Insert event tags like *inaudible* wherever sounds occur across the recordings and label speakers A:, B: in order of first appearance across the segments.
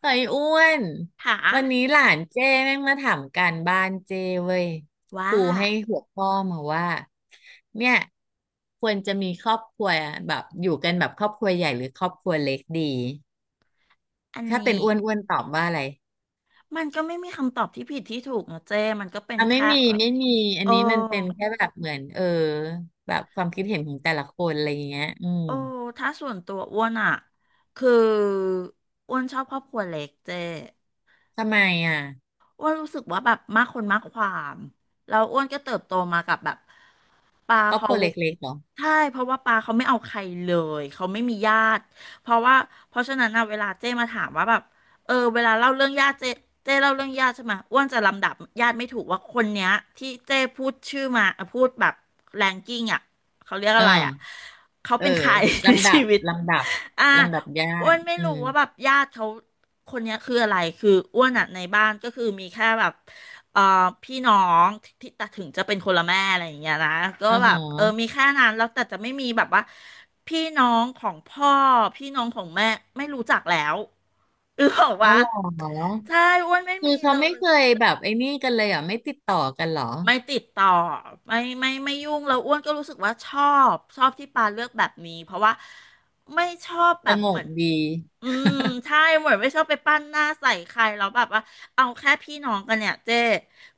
A: เฮ้ยอ้วน
B: ถา
A: วันนี้หลานเจ้แม่งมาถามการบ้านเจ้เว้ยค
B: ว่า
A: รูให้หัวข้อมาว่าเนี่ยควรจะมีครอบครัวแบบอยู่กันแบบครอบครัวใหญ่หรือครอบครัวเล็กดี
B: อัน
A: ถ้าเป็น
B: นี้
A: อ้วนอ้วนตอบว่าอะไร
B: มันก็ไม่มีคำตอบที่ผิดที่ถูกนะเจ้มันก็เป็น
A: อ่ะไม่
B: แค่
A: มี
B: แบบ
A: ไม่มีอัน
B: โอ้
A: นี้มันเป็นแค่แบบเหมือนแบบความคิดเห็นของแต่ละคนอะไรอย่างเงี้ยอืม
B: โอ้ถ้าส่วนตัวอ้วนอ่ะคืออ้วนชอบครอบครัวเล็กเจ้
A: ทำไมอ่ะ
B: อ้วนรู้สึกว่าแบบมากคนมากความแล้วอ้วนก็เติบโตมากับแบบปา
A: ครอบค
B: เขา
A: รัวเล็กๆเหรอ
B: ใช่เพราะว่าปาเขาไม่เอาใครเลยเขาไม่มีญาติเพราะว่าเพราะฉะนั้นนะเวลาเจ้มาถามว่าแบบเวลาเล่าเรื่องญาติเจ้เล่าเรื่องญาติใช่ไหมอ้วนจะลำดับญาติไม่ถูกว่าคนเนี้ยที่เจ้พูดชื่อมาพูดแบบแรงกิ้งอ่ะเขาเรียก
A: เ
B: อะไรอ่ะ
A: ออ
B: เขา
A: เออ
B: เป็นใคร *laughs* ใน
A: ลำดั
B: ชี
A: บ
B: วิต
A: ลำดับ
B: อ่า
A: ลำดับญา
B: อ้ว
A: ติ
B: นไม่
A: อื
B: รู้
A: ม
B: ว่าแบบญาติเขาคนเนี้ยคืออะไร คืออ้วนอ่ะในบ้านก็คือมีแค่แบบเอ่อพี่น้องที่แต่ถึงจะเป็นคนละแม่อะไรอย่างเงี้ยนะก็
A: อ๋
B: แบบเออ
A: อ
B: มีแค่นั้นแล้วแต่จะไม่มีแบบว่าพี่น้องของพ่อพี่น้องของแม่ไม่รู้จักแล้วอือบอก
A: อ๋อ
B: ว่า
A: เหรอ
B: ใช่อ้วนไม่
A: คื
B: มี
A: อเขา
B: เล
A: ไม่
B: ย
A: เคยแบบไอ้นี่กันเลยเหรอ่ะไม่ติดต่อกันเหรอ
B: ไม่ติดต่อไม่ยุ่งแล้วอ้วนก็รู้สึกว่าชอบที่ปาเลือกแบบนี้เพราะว่าไม่ชอบแบ
A: ส
B: บ
A: ง
B: เหมื
A: บ
B: อน
A: ดี
B: อืมใช่เหมือนไม่ชอบไปปั้นหน้าใส่ใครแล้วแบบว่าเอาแค่พี่น้องกันเนี่ยเจ้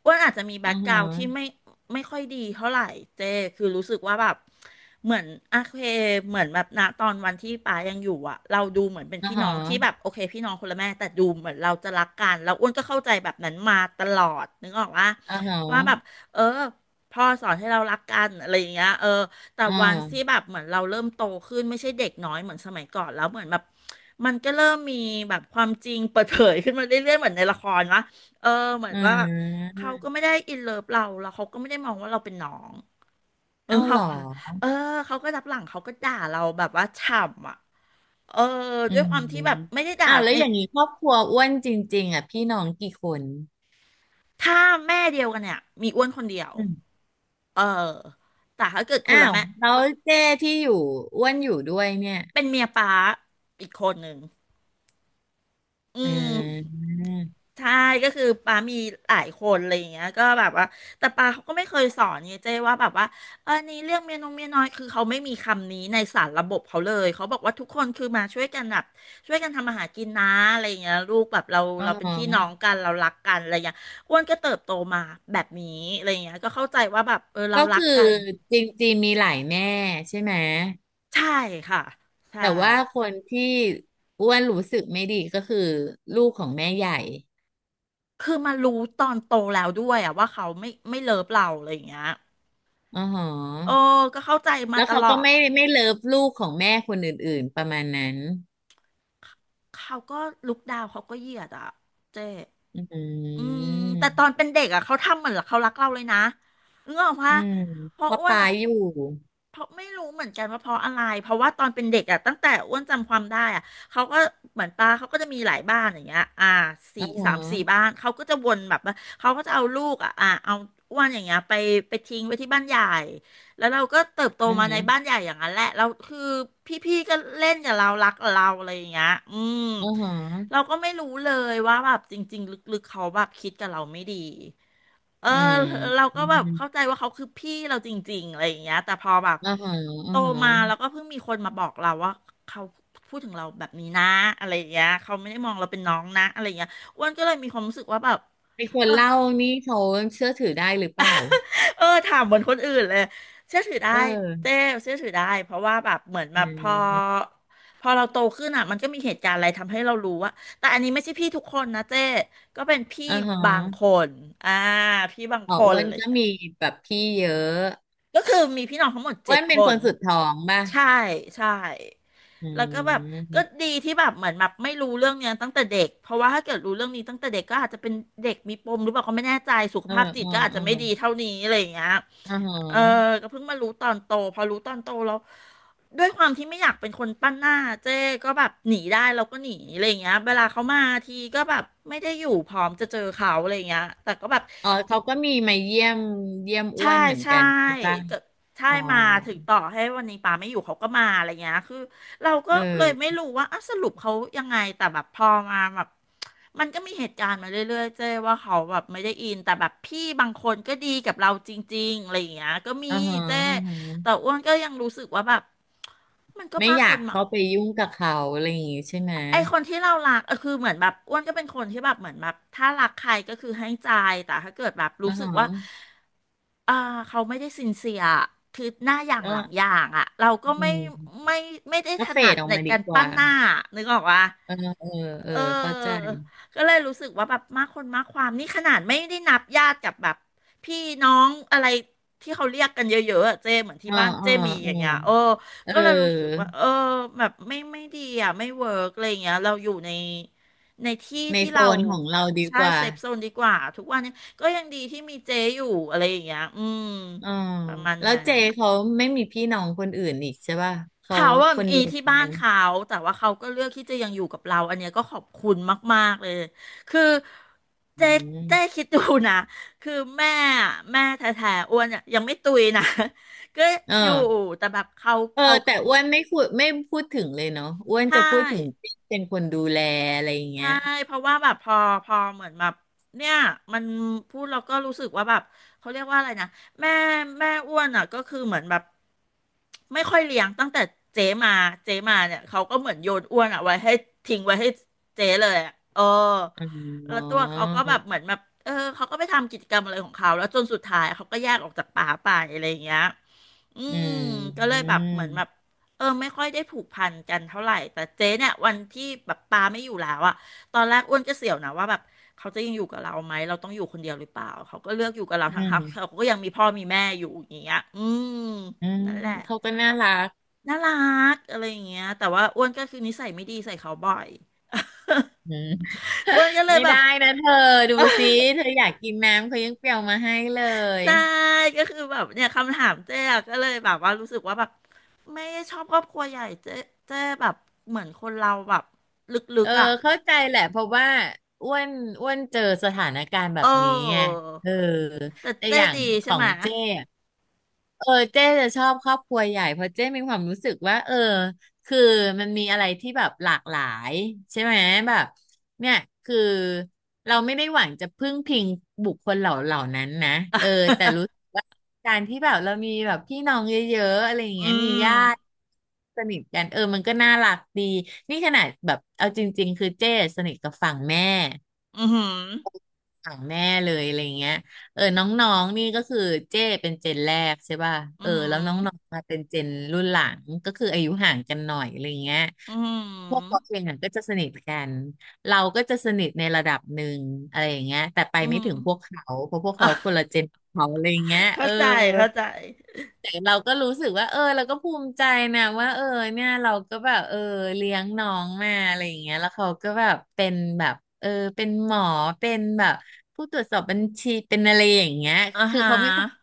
B: อ้วนอาจจะมีแบ็
A: อ่า
B: คก
A: ฮ
B: ราวด์ที่
A: ะ
B: ไม่ค่อยดีเท่าไหร่เจ้คือรู้สึกว่าแบบเหมือนโอเคเหมือนแบบณตอนวันที่ป้ายังอยู่อะเราดูเหมือนเป็น
A: อ่า
B: พี่น้
A: ฮะ
B: องที่แบบโอเคพี่น้องคนละแม่แต่ดูเหมือนเราจะรักกันแล้วอ้วนก็เข้าใจแบบนั้นมาตลอดนึกออกว่า
A: อ่าฮะ
B: ว่าแบบ เออพ่อสอนให้เรารักกันอะไรอย่างเงี้ยแต่
A: อ่
B: วันที่
A: า
B: แบบเหมือนเราเริ่มโตขึ้นไม่ใช่เด็กน้อยเหมือนสมัยก่อนแล้วเหมือนแบบมันก็เริ่มมีแบบความจริงเปิดเผยขึ้นมาเรื่อยๆเหมือนในละครนะเออเหมือ
A: อื
B: นว่า
A: ม
B: เขาก็ไม่ได้อินเลิฟเราแล้วเขาก็ไม่ได้มองว่าเราเป็นน้อง
A: เอ้าเห
B: เขา
A: รอ
B: ค่ะเออเขาก็รับหลังเขาก็ด่าเราแบบว่าฉ่ำอ่ะเออ
A: อื
B: ด้วย
A: ม
B: ความที่แบบไม่ได้ด่า
A: อ้าวแล้ว
B: ใน
A: อย่างนี้ครอบครัวอ้วนจริงๆอ่ะพี่น้องกี่คน
B: ถ้าแม่เดียวกันเนี่ยมีอ้วนคนเดียว
A: อืม
B: เออแต่ถ้าเกิดคน
A: อ้า
B: ละ
A: ว
B: แม่
A: แล้วเจ้ที่อยู่อ้วนอยู่ด้วยเนี่ย
B: เป็นเมียป้าอีกคนหนึ่งอื
A: อ่
B: ม
A: า
B: ใช่ก็คือป้ามีหลายคนอะไรอย่างเงี้ยก็แบบว่าแต่ป้าเขาก็ไม่เคยสอนไงเจ้ว่าแบบว่านี่เรื่องเมียน้องเมียน้อยคือเขาไม่มีคำนี้ในสารระบบเขาเลยเขาบอกว่าทุกคนคือมาช่วยกันแบบช่วยกันทำมาหากินนะอะไรอย่างเงี้ยลูกแบบเรา
A: อ๋
B: เราเป็นพี่น้อง
A: อ
B: กันเรารักกันอะไรอย่างเงี้ยอ้วนก็เติบโตมาแบบนี้อะไรอย่างเงี้ยก็เข้าใจว่าแบบเรา
A: ก็
B: รั
A: คื
B: ก
A: อ
B: กัน
A: จริงๆมีหลายแม่ใช่ไหม
B: ใช่ค่ะใช่
A: แต่ว่าคนที่อ้วนรู้สึกไม่ดีก็คือลูกของแม่ใหญ่
B: คือมารู้ตอนโตแล้วด้วยอะว่าเขาไม่เลิฟเราอะไรอย่างเงี้ย
A: อ๋อหอ
B: เออก็เข้าใจมา
A: แล้ว
B: ต
A: เขา
B: ล
A: ก็
B: อด
A: ไม่เลิฟลูกของแม่คนอื่นๆประมาณนั้น
B: เขาก็ลุกดาวเขาก็เหยียดอะเจ๊
A: อื
B: อืมแต่ตอน
A: ม
B: เป็นเด็กอะเขาทำเหมือนเขารักเราเลยนะเงออกปะ
A: อืม
B: เพ
A: เพ
B: ราะ
A: ราะ
B: อ้วน
A: ปา
B: อะ
A: อยู่
B: เพราะไม่รู้เหมือนกันว่าเพราะอะไรเพราะว่าตอนเป็นเด็กอะตั้งแต่อ้วนจำความได้อะเขาก็เหมือนป้าเขาก็จะมีหลายบ้านอย่างเงี้ย
A: อ๋
B: สี่
A: อหอ
B: สามสี่บ้านเขาก็จะวนแบบว่าเขาก็จะเอาลูกอะเอาอ้วนอย่างเงี้ยไปทิ้งไว้ที่บ้านใหญ่ แล้วเราก็เติบโต
A: อ๋อ
B: มา
A: ห
B: ใน
A: อ
B: บ้านใหญ่อย่างนั้นแหละเราคือพี่ๆก็เล่นกับเรารักกับเราอะไรอย่างเงี้ยอืม
A: อ๋อหอ
B: เราก็ไม่รู้เลยว่าแบบจริงๆลึกๆเขาแบบคิดกับเราไม่ดีเออ
A: อืม
B: เรา
A: อื
B: ก็แบบ
A: ม
B: เข้าใจว่าเขาคือพี่เราจริงๆอะไรอย่างเงี้ยแต่พอแบบ
A: อ๋อหออ๋
B: โต
A: อหอ
B: มาแล้วก็เพิ่งมีคนมาบอกเราว่าเขาพูดถึงเราแบบนี้นะอะไรอย่างเงี้ยเขาไม่ได้มองเราเป็นน้องนะอะไรอย่างเงี้ยอ้วนก็เลยมีความรู้สึกว่าแบบ
A: ไอคนเล่านี่เขาเชื่อถือได้หรือเปล่า
B: เออถามเหมือนคนอื่นเลยเชื่อถือได้
A: เอ
B: เจ้
A: อ
B: เชื่อถือได้เพราะว่าแบบเหมือนแบ
A: อื
B: บพอ
A: ม
B: พอเราโตขึ้นอ่ะมันก็มีเหตุการณ์อะไรทำให้เรารู้ว่าแต่อันนี้ไม่ใช่พี่ทุกคนนะเจ้ก็เป็นพี่
A: อ๋อหอ
B: บางคนอ่าพี่บาง
A: อ๋
B: ค
A: อ
B: น
A: อ้ว
B: อะ
A: น
B: ไรอย่า
A: ก็
B: งเลย
A: มีแบบพี่เยอะ
B: ก็คือมีพี่น้องทั้งหมด
A: อ้
B: เจ็
A: ว
B: ด
A: นเป็
B: ค
A: นค
B: น
A: นสุดท้องป่ะ
B: ใช่ใช่
A: อื
B: แล้วก็แบบก็
A: ม
B: ดีที่แบบเหมือนแบบไม่รู้เรื่องเนี้ยตั้งแต่เด็กเพราะว่าถ้าเกิดรู้เรื่องนี้ตั้งแต่เด็กก็อาจจะเป็นเด็กมีปมหรือเปล่าก็ไม่แน่ใจสุข
A: เออ
B: ภาพจิ
A: เอ
B: ต
A: อ
B: ก็อาจ
A: เอ
B: จะ
A: อ
B: ไม่ดีเท่านี้อะไรอย่างเงี้ย
A: อ่าฮะ
B: เออก็เพิ่งมารู้ตอนโตพอรู้ตอนโตแล้วด้วยความที่ไม่อยากเป็นคนปั้นหน้าเจ๊ก็แบบหนีได้เราก็หนีอะไรอย่างเงี้ยเวลาเขามาทีก็แบบไม่ได้อยู่พร้อมจะเจอเขาอะไรอย่างเงี้ยแต่ก็แบบ
A: อ๋อเขาก็มีมาเยี่ยมอ้
B: ใช่
A: วนเหมือน
B: ใช่
A: กันใช่ปะ
B: ก็ใช่
A: อ๋อ
B: มาถึงต่อให้วันนี้ป่าไม่อยู่เขาก็มาอะไรเงี้ยคือเราก็
A: เอ
B: เลยไม่
A: อ
B: รู้ว่าอ่ะสรุปเขายังไงแต่แบบพอมาแบบมันก็มีเหตุการณ์มาเรื่อยๆเจ้ว่าเขาแบบไม่ได้อินแต่แบบพี่บางคนก็ดีกับเราจริงๆอะไรเงี้ยก็มี
A: อ่าฮะ
B: เจ้
A: อ่าฮะ
B: แต่อ้วนก็ยังรู้สึกว่าแบบมันก็
A: ไม่
B: มาก
A: อ
B: ค
A: ยาก
B: น
A: เข้าไปยุ่งกับเขาอะไรอย่างงี้ใช่ไหม
B: ไอคนที่เรารักเออคือเหมือนแบบอ้วนก็เป็นคนที่แบบเหมือนแบบถ้ารักใครก็คือให้ใจแต่ถ้าเกิดแบบรู้
A: อ่า
B: สึก
A: ฮะ
B: ว่าอ่าเขาไม่ได้ซินเซียคือหน้าอย่าง
A: ก็
B: หลังอย่างอ่ะเราก็
A: อื
B: ไม่
A: ม
B: ไม่ไม่ได้ถ
A: ก็เฟ
B: นั
A: ด
B: ด
A: ออก
B: ใน
A: มาดี
B: การ
A: ก
B: ปั้
A: ว่า
B: นหน้านึกออกปะ
A: เออเออเออ
B: เ
A: เข้าใจ
B: ออก็เลยรู้สึกว่าแบบมากคนมากความนี่ขนาดไม่ได้นับญาติกับแบบพี่น้องอะไรที่เขาเรียกกันเยอะๆอะเจ้เหมือนที่
A: เออ
B: บ้าน
A: เออ
B: เจ้มี
A: เอ
B: อ
A: อ
B: ย่างเงี้ยเออ
A: เอ
B: ก็เลยรู้สึก
A: อ
B: ว่าเออแบบไม่ดีอ่ะไม่เวิร์กอะไรอย่างเงี้ยเราอยู่ในในที่
A: ใน
B: ที่
A: โซ
B: เรา
A: นของเราดี
B: ใช่
A: กว่า
B: เซฟโซนดีกว่าทุกวันนี้ก็ยังดีที่มีเจอยู่อะไรอย่างเงี้ยอืม
A: อ๋อ
B: ประมาณ
A: แล้ว
B: นั้
A: เจ
B: น
A: เขาไม่มีพี่น้องคนอื่นอีกใช่ป่ะ เขา
B: เขาว่า
A: คน
B: มี
A: เดียว
B: ที่
A: เหมือน
B: บ้า
A: กั
B: น
A: น
B: เขาแต่ว่าเขาก็เลือกที่จะยังอยู่กับเราอันเนี้ยก็ขอบคุณมากๆเลยคือ
A: อื
B: เจ๊เจ๊
A: ม
B: คิดดูนะคือแม่อะแม่แท้ๆอ้วนอะยังไม่ตุยนะ *laughs* ก็
A: เอ
B: อยู่
A: อ
B: แต่แบบเขา
A: เออ
B: เขา
A: แต่อ้วนไม่พูดถึงเลยเนาะอ้วน
B: ใช่
A: จะพูดถึงที่เป็นคนดูแลอะไรอย่างเงี้
B: ใช่
A: ย
B: เพราะว่าแบบพอเหมือนแบบเนี่ยมันพูดเราก็รู้สึกว่าแบบเขาเรียกว่าอะไรนะแม่แม่อ้วนอ่ะก็คือเหมือนแบบไม่ค่อยเลี้ยงตั้งแต่เจ๊มาเจ๊มาเนี่ยเขาก็เหมือนโยนอ้วนอ่ะไว้ให้ทิ้งไว้ให้เจ๊เลยอะเออ
A: อ๋อ
B: แล้วตัวเขาก็แบบเหมือนแบบเออเขาก็ไปทำกิจกรรมอะไรของเขาแล้วจนสุดท้ายเขาก็แยกออกจากป่าไปอะไรอย่างเงี้ยอื
A: อื
B: ม
A: ม
B: ก็เล
A: อื
B: ยแบบ
A: ม
B: เหมือนแบบเออไม่ค่อยได้ผูกพันกันเท่าไหร่แต่เจ๊เนี่ยวันที่แบบปาไม่อยู่แล้วอ่ะ ตอนแรกอ้วนก็เสียวนะว่าแบบเขาจะยังอยู่กับเราไหมเราต้องอยู่คนเดียวหรือเปล่าเขาก็เลือกอยู่กับเรา
A: อื
B: ทั้งเขาเขา
A: ม
B: ก็ยังมีพ่อมีแม่อยู่อย่างเงี้ยอืม
A: อืม
B: นั่นแหละ
A: เขาก็น่ารัก
B: น่ารักอะไรอย่างเงี้ยแต่ว่าอ้วนก็คือนิสัยไม่ดีใส่เขาบ่อย
A: อืม
B: *laughs* อ้วนก็เลย
A: ไม่
B: แบ
A: ได้
B: บ
A: นะเธอ ดูสิ เธออยากกินน้ำเขายังเปรียวมาให้เลย
B: ใช่ก็คือแบบเนี่ยคำถามเจ๊อะก็เลยแบบว่ารู้สึกว่าแบบไม่ชอบครอบครัวใหญ่เจ๊เจ๊แบบเหมือนคนเราแบบลึ
A: เอ
B: ก
A: อ
B: ๆอ่ะ
A: เข้าใจแหละเพราะว่าอ้วนอ้วนเจอสถานการณ์แบ
B: เ
A: บนี้ไง
B: ออ
A: เออ
B: แต่
A: แต่
B: เจ๊
A: อย่าง
B: ดี
A: ข
B: ใช่
A: อ
B: ไหม
A: งเจ้อะเออเจ๊จะชอบครอบครัวใหญ่เพราะเจ๊มีความรู้สึกว่าเออคือมันมีอะไรที่แบบหลากหลายใช่ไหมแบบเนี่ยคือเราไม่ได้หวังจะพึ่งพิงบุคคลเหล่านั้นนะเออแต่รู้สึกว่า การที่แบบเรามีแบบพี่น้องเยอะๆอะไรอย่าง
B: อื
A: เงี้ยมีญาติ
B: ม
A: สนิทกันเออมันก็น่ารักดีนี่ขนาดแบบเอาจริงๆคือเจ้สนิทกับฝั่งแม่
B: อือหือ
A: ฝั่งแม่เลยอะไรอย่างเงี้ยเออน้องๆนี่ก็คือเจ้เป็นเจนแรกใช่ป่ะ
B: อื
A: เอ
B: อ
A: อ
B: หื
A: แล้วน้
B: อ
A: องๆมาเป็นเจนรุ่นหลังก็คืออายุห่างกันหน่อยอะไรอย่างเงี้ย
B: อือหื
A: พวกเรา
B: อ
A: เองอะก็จะสนิทกันเราก็จะสนิทในระดับหนึ่งอะไรอย่างเงี้ยแต่ไป
B: อือ
A: ไม่
B: หื
A: ถึ
B: อ
A: งพวกเขาเพราะพวก
B: อ่ะ
A: เขาคนละเจนเขาอะไรอย่างเงี้ยเอ
B: เข้า
A: อ
B: ใจเข้าใจ
A: แต่เราก็รู้สึกว่าเออเราก็ภูมิใจนะว่าเออเนี่ยเราก็แบบเออเลี้ยงน้องมาอะไรอย่างเงี้ยแล้วเขาก็แบบเป็นแบบเออเป็นหมอเป็นแบบผู้ตรวจสอบบัญชีเป็นอะไรอย่างเงี้ย
B: อ่า
A: คือ
B: ฮะ
A: เขามีความ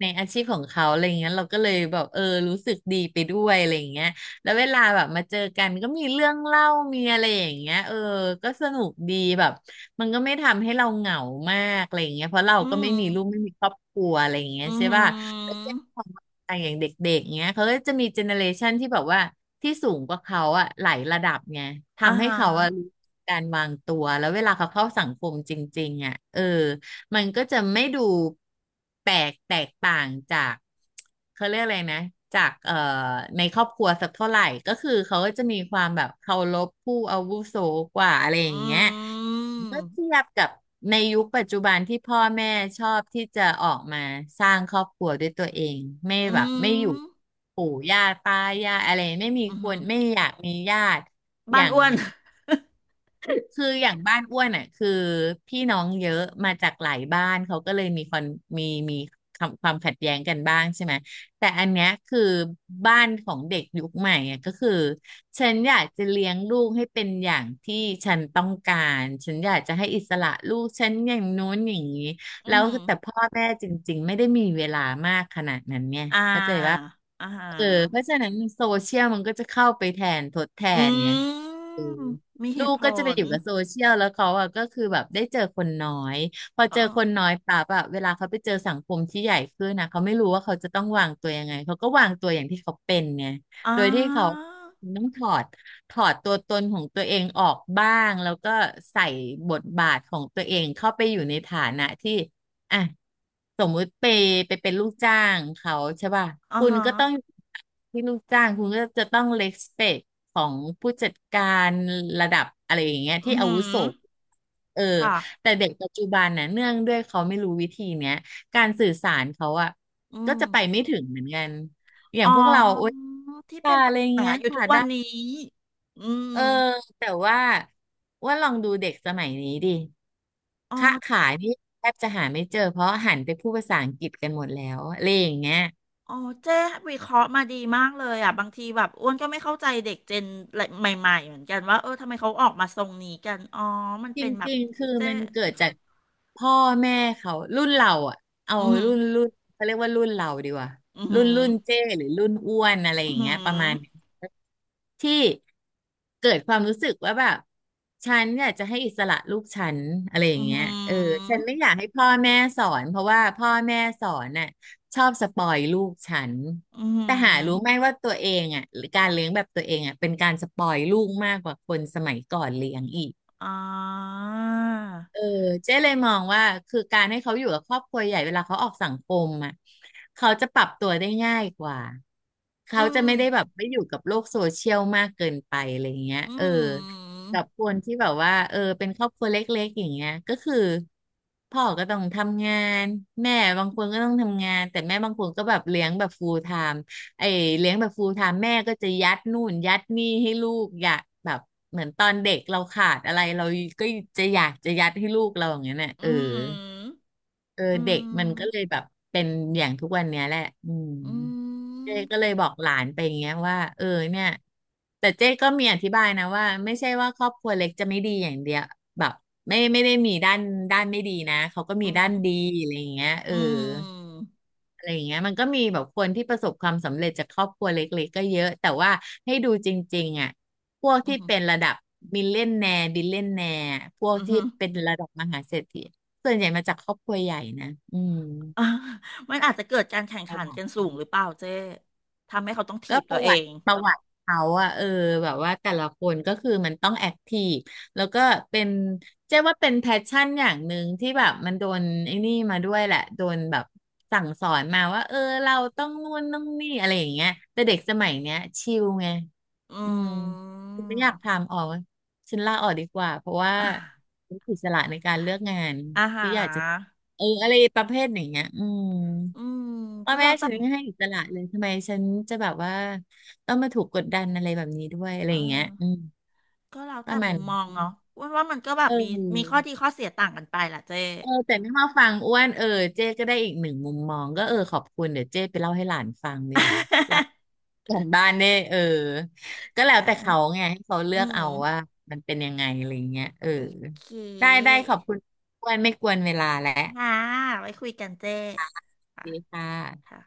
A: ในอาชีพของเขาอะไรเงี้ยเราก็เลยแบบเออรู้สึกดีไปด้วยอะไรเงี้ยแล้วเวลาแบบมาเจอกันก็มีเรื่องเล่ามีอะไรอย่างเงี้ยเออก็สนุกดีแบบมันก็ไม่ทำให้เราเหงามากอะไรเงี้ยเพราะเรา
B: อื
A: ก็
B: ม
A: ไม่มีลูกไม่มีครอบครัวอะไรเงี้ย
B: อือ
A: ใช่
B: หื
A: ป่ะแล้ว
B: อ
A: เจ้าขอต่างอย่างเด็กๆเงี้ยเขาก็จะมีเจเนอเรชันที่แบบว่าที่สูงกว่าเขาอะหลายระดับไง
B: อ่า
A: ทำให้
B: ฮะ
A: เขาอะรู้การวางตัวแล้วเวลาเขาเข้าสังคมจริงๆอะเออ มันก็จะไม่ดูแปลกแตกต่างจากเขาเรียกอะไรนะจากในครอบครัวสักเท่าไหร่ก็คือเขาก็จะมีความแบบเคารพผู้อาวุโสกว่าอะไร
B: อื
A: อย่างเงี้ย
B: ม
A: เมื่อเทียบกับในยุคปัจจุบันที่พ่อแม่ชอบที่จะออกมาสร้างครอบครัวด้วยตัวเองไม่
B: อื
A: แบบไม่อยู่
B: ม
A: ปู่ย่าตายายอะไรไม่มี
B: อือ
A: ค
B: หื
A: น
B: อ
A: ไม่อยากมีญาติอ
B: บ้าน
A: ย่าง
B: อ้วน
A: คืออย่างบ้านอ้วนอ่ะคือพี่น้องเยอะมาจากหลายบ้านเขาก็เลยมีคอนมีมีความขัดแย้งกันบ้างใช่ไหมแต่อันเนี้ยคือบ้านของเด็กยุคใหม่อ่ะก็คือฉันอยากจะเลี้ยงลูกให้เป็นอย่างที่ฉันต้องการฉันอยากจะให้อิสระลูกฉันอย่างนู้นอย่างนี้
B: อื
A: แล้
B: อ
A: ว
B: หือ
A: แต่พ่อแม่จริงๆไม่ได้มีเวลามากขนาดนั้นเนี่ย
B: อ่า
A: เข้าใจว่า
B: อ่าฮ
A: เออเพราะ
B: ะ
A: ฉะนั้นโซเชียลมันก็จะเข้าไปแทนทดแท
B: อื
A: นเนี่ย
B: ม
A: เออ
B: มีเห
A: ลู
B: ตุ
A: ก
B: ผ
A: ก็จะไป
B: ล
A: อยู่กับโซเชียลแล้วเขาอะก็คือแบบได้เจอคนน้อยพอ
B: อ๋อ
A: เจอคนน้อยปั๊บอะเวลาเขาไปเจอสังคมที่ใหญ่ขึ้นนะเขาไม่รู้ว่าเขาจะต้องวางตัวยังไงเขาก็วางตัวอย่างที่เขาเป็นไง
B: อ่
A: โดยที่เขา
B: า
A: ต้องถอดตัวตนของตัวเองออกบ้างแล้วก็ใส่บทบาทของตัวเองเข้าไปอยู่ในฐานะที่ อ่ะสมมุติไปเป็นลูกจ้างเขาใช่ป่ะ
B: อ่า
A: คุณ
B: ฮะ
A: ก็ต้องที่ลูกจ้างคุณก็จะต้องเล p สเปคของผู้จัดการระดับอะไรอย่างเงี้ย
B: อื
A: ที่
B: อ
A: อา
B: หื
A: วุโส
B: อ
A: เออ
B: ค่ะ
A: แต่เด็กปัจจุบันน่ะเนื่องด้วยเขาไม่รู้วิธีเนี้ยการสื่อสารเขาอ่ะ
B: อื
A: ก็
B: ม
A: จะไปไม่ถึงเหมือนกันอย่า
B: อ๋อ
A: งพวกเราโอ๊ย
B: ที่เป็
A: ค่ะ
B: น
A: อะ
B: ปัญ
A: ไรอย่าง
B: หา
A: เงี้ย
B: อยู่ทุ
A: ค่ะ
B: กวั
A: ได้
B: นนี้ อื
A: เอ
B: ม
A: อแต่ว่าลองดูเด็กสมัยนี้ดิ
B: อ๋อ
A: ค้าขายนี่แทบจะหาไม่เจอเพราะหันไปพูดภาษาอังกฤษกันหมดแล้วอะไรอย่างเงี้ย
B: อ๋อเจ๊วิเคราะห์มาดีมากเลยอ่ะบางทีแบบอ้วนก็ไม่เข้าใจเด็กเจนใหม่ๆเหมือนกันว่าเออทำไมเขาออกมาทรงนี้กันอ๋อมัน
A: จ
B: เป็นแบบ
A: ริงๆคื
B: ที่
A: อ
B: เจ๊
A: มันเกิ
B: วิ
A: ด
B: เค
A: จา
B: ราะ
A: ก
B: ห์
A: พ่อแม่เขารุ่นเราอ่ะเอา
B: อืม
A: รุ่นเขาเรียกว่ารุ่นเราดีกว่า
B: อ
A: รุ่
B: หื
A: นรุ่น
B: ม
A: เจ้หรือรุ่นอ้วนอะไร
B: อ
A: อ
B: อื
A: ย่างเงี้ยประมา
B: ม
A: ณนี้ที่เกิดความรู้สึกว่าแบบฉันอยากจะให้อิสระลูกฉันอะไรอ
B: ออื
A: ย่างเงี้ยเออฉัน
B: ม
A: ไม่อยากให้พ่อแม่สอนเพราะว่าพ่อแม่สอนน่ะชอบสปอยลูกฉัน
B: ออือหือ
A: แต่หารู้ไหมว่าตัวเองอ่ะหรือการเลี้ยงแบบตัวเองอ่ะเป็นการสปอยลูกมากกว่าคนสมัยก่อนเลี้ยงอีก
B: อ่า
A: เออเจ๊เลยมองว่าคือการให้เขาอยู่กับครอบครัวใหญ่เวลาเขาออกสังคมอ่ะเขาจะปรับตัวได้ง่ายกว่า
B: อื
A: เขาจะไม่
B: ม
A: ได้แบบไม่อยู่กับโลกโซเชียลมากเกินไปอะไรเงี้ย
B: อื
A: เออ
B: ม
A: กับคนที่แบบว่าเออเป็นครอบครัวเล็กๆอย่างเงี้ยก็คือพ่อก็ต้องทำงานแม่บางคนก็ต้องทำงานแต่แม่บางคนก็แบบเลี้ยงแบบ full time ไอ้เลี้ยงแบบ full time แม่ก็จะยัดนู่นยัดนี่ให้ลูกอยากแบบเหมือนตอนเด็กเราขาดอะไรเราก็จะอยากจะยัดให้ลูกเราอย่างเงี้ยเนี่ย
B: อื
A: เออ
B: ม
A: เออ
B: อื
A: เด็กมันก็เลย
B: ม
A: แบบเป็นอย่างทุกวันเนี้ยแหละอืม
B: อื
A: เจ๊
B: ม
A: ก็เลยบอกหลานไปอย่างเงี้ยว่าเออเนี่ยแต่เจ๊ก็มีอธิบายนะว่าไม่ใช่ว่าครอบครัวเล็กจะไม่ดีอย่างเดียวแบบไม่ได้มีด้านไม่ดีนะเขาก็
B: อื
A: มีด้านดี
B: ม
A: อะไรอย่างเงี้ยเออ
B: อืม
A: อะไรอย่างเงี้ยมันก็มีแบบคนที่ประสบความสำเร็จจากครอบครัวเล็กๆก็เยอะแต่ว่าให้ดูจริงๆอ่ะพวก
B: อื
A: ที่
B: ม
A: เป็นระดับมิลเลนแนร์บิลเลนแนร์พวก
B: อื
A: ที่
B: ม
A: เป็นระดับมหาเศรษฐีส่วนใหญ่มาจากครอบครัวใหญ่นะอืม
B: อ่ะ *laughs* มันอาจจะเกิดการแข่ง
A: ประ
B: ขัน
A: วั
B: กั
A: ติ
B: นสูงหรือเปล่าเจ๊ทำให้เขาต้องถี
A: ก็
B: บ
A: ป
B: ตัว
A: ระ
B: เอ
A: วัติ
B: ง
A: ประวัติเขาอะเออแบบว่าแต่ละคนก็คือมันต้องแอคทีฟแล้วก็เป็นเจ๊ว่าเป็นแพชชั่นอย่างหนึ่งที่แบบมันโดนไอ้นี่มาด้วยแหละโดนแบบสั่งสอนมาว่าเออเราต้องนู่นต้องนี่อะไรอย่างเงี้ยแต่เด็กสมัยเนี้ยชิลไง
B: อื
A: อืม
B: ม
A: ไม่อยากทำออกฉันลาออกดีกว่าเพราะว่า
B: *laughs* อ่ะ
A: รู้อิสระในการเลือกงาน
B: อา
A: ที่
B: หา
A: อยากจะ
B: ร
A: เอออะไรประเภทอย่างเงี้ยอืม
B: อืม
A: พ่อ
B: ก็
A: แม่
B: แล้วแต่
A: ฉันไม่ให้อิสระเลยทำไมฉันจะแบบว่าต้องมาถูกกดดันอะไรแบบนี้ด้วยอะไรอ
B: อ่า
A: ย่างเงี้ยอืม
B: ก็แล้ว
A: ป
B: แต่
A: ระมา
B: มุ
A: ณ
B: มมอง
A: นั้น
B: เนาะว่าว่ามันก็แบ
A: เ
B: บมีมีข้อ
A: ออ
B: ดีข้อเสียต่างกันไปแหละเจ๊
A: เออแต่ไม่มาฟังอ้วนเออเจ๊ก็ได้อีกหนึ่งมุมมองก็เออขอบคุณเดี๋ยวเจ๊ไปเล่าให้หลานฟังดีกว่า
B: *laughs*
A: ของบ้านเนี่ยเออก็แล้ว
B: ได้
A: แต่เขาไงให้เขาเลือ
B: อื
A: ก
B: ม
A: เอาว่ามันเป็นยังไงอะไรอย่างเงี้ยเออ
B: โอเค
A: ได้ได้ขอบคุณอ้วนไม่กวนเวลาแล้ว
B: ค่ะไว้คุยกันเจ๊ค่ะ
A: ดีค่
B: ค่ะ
A: ะ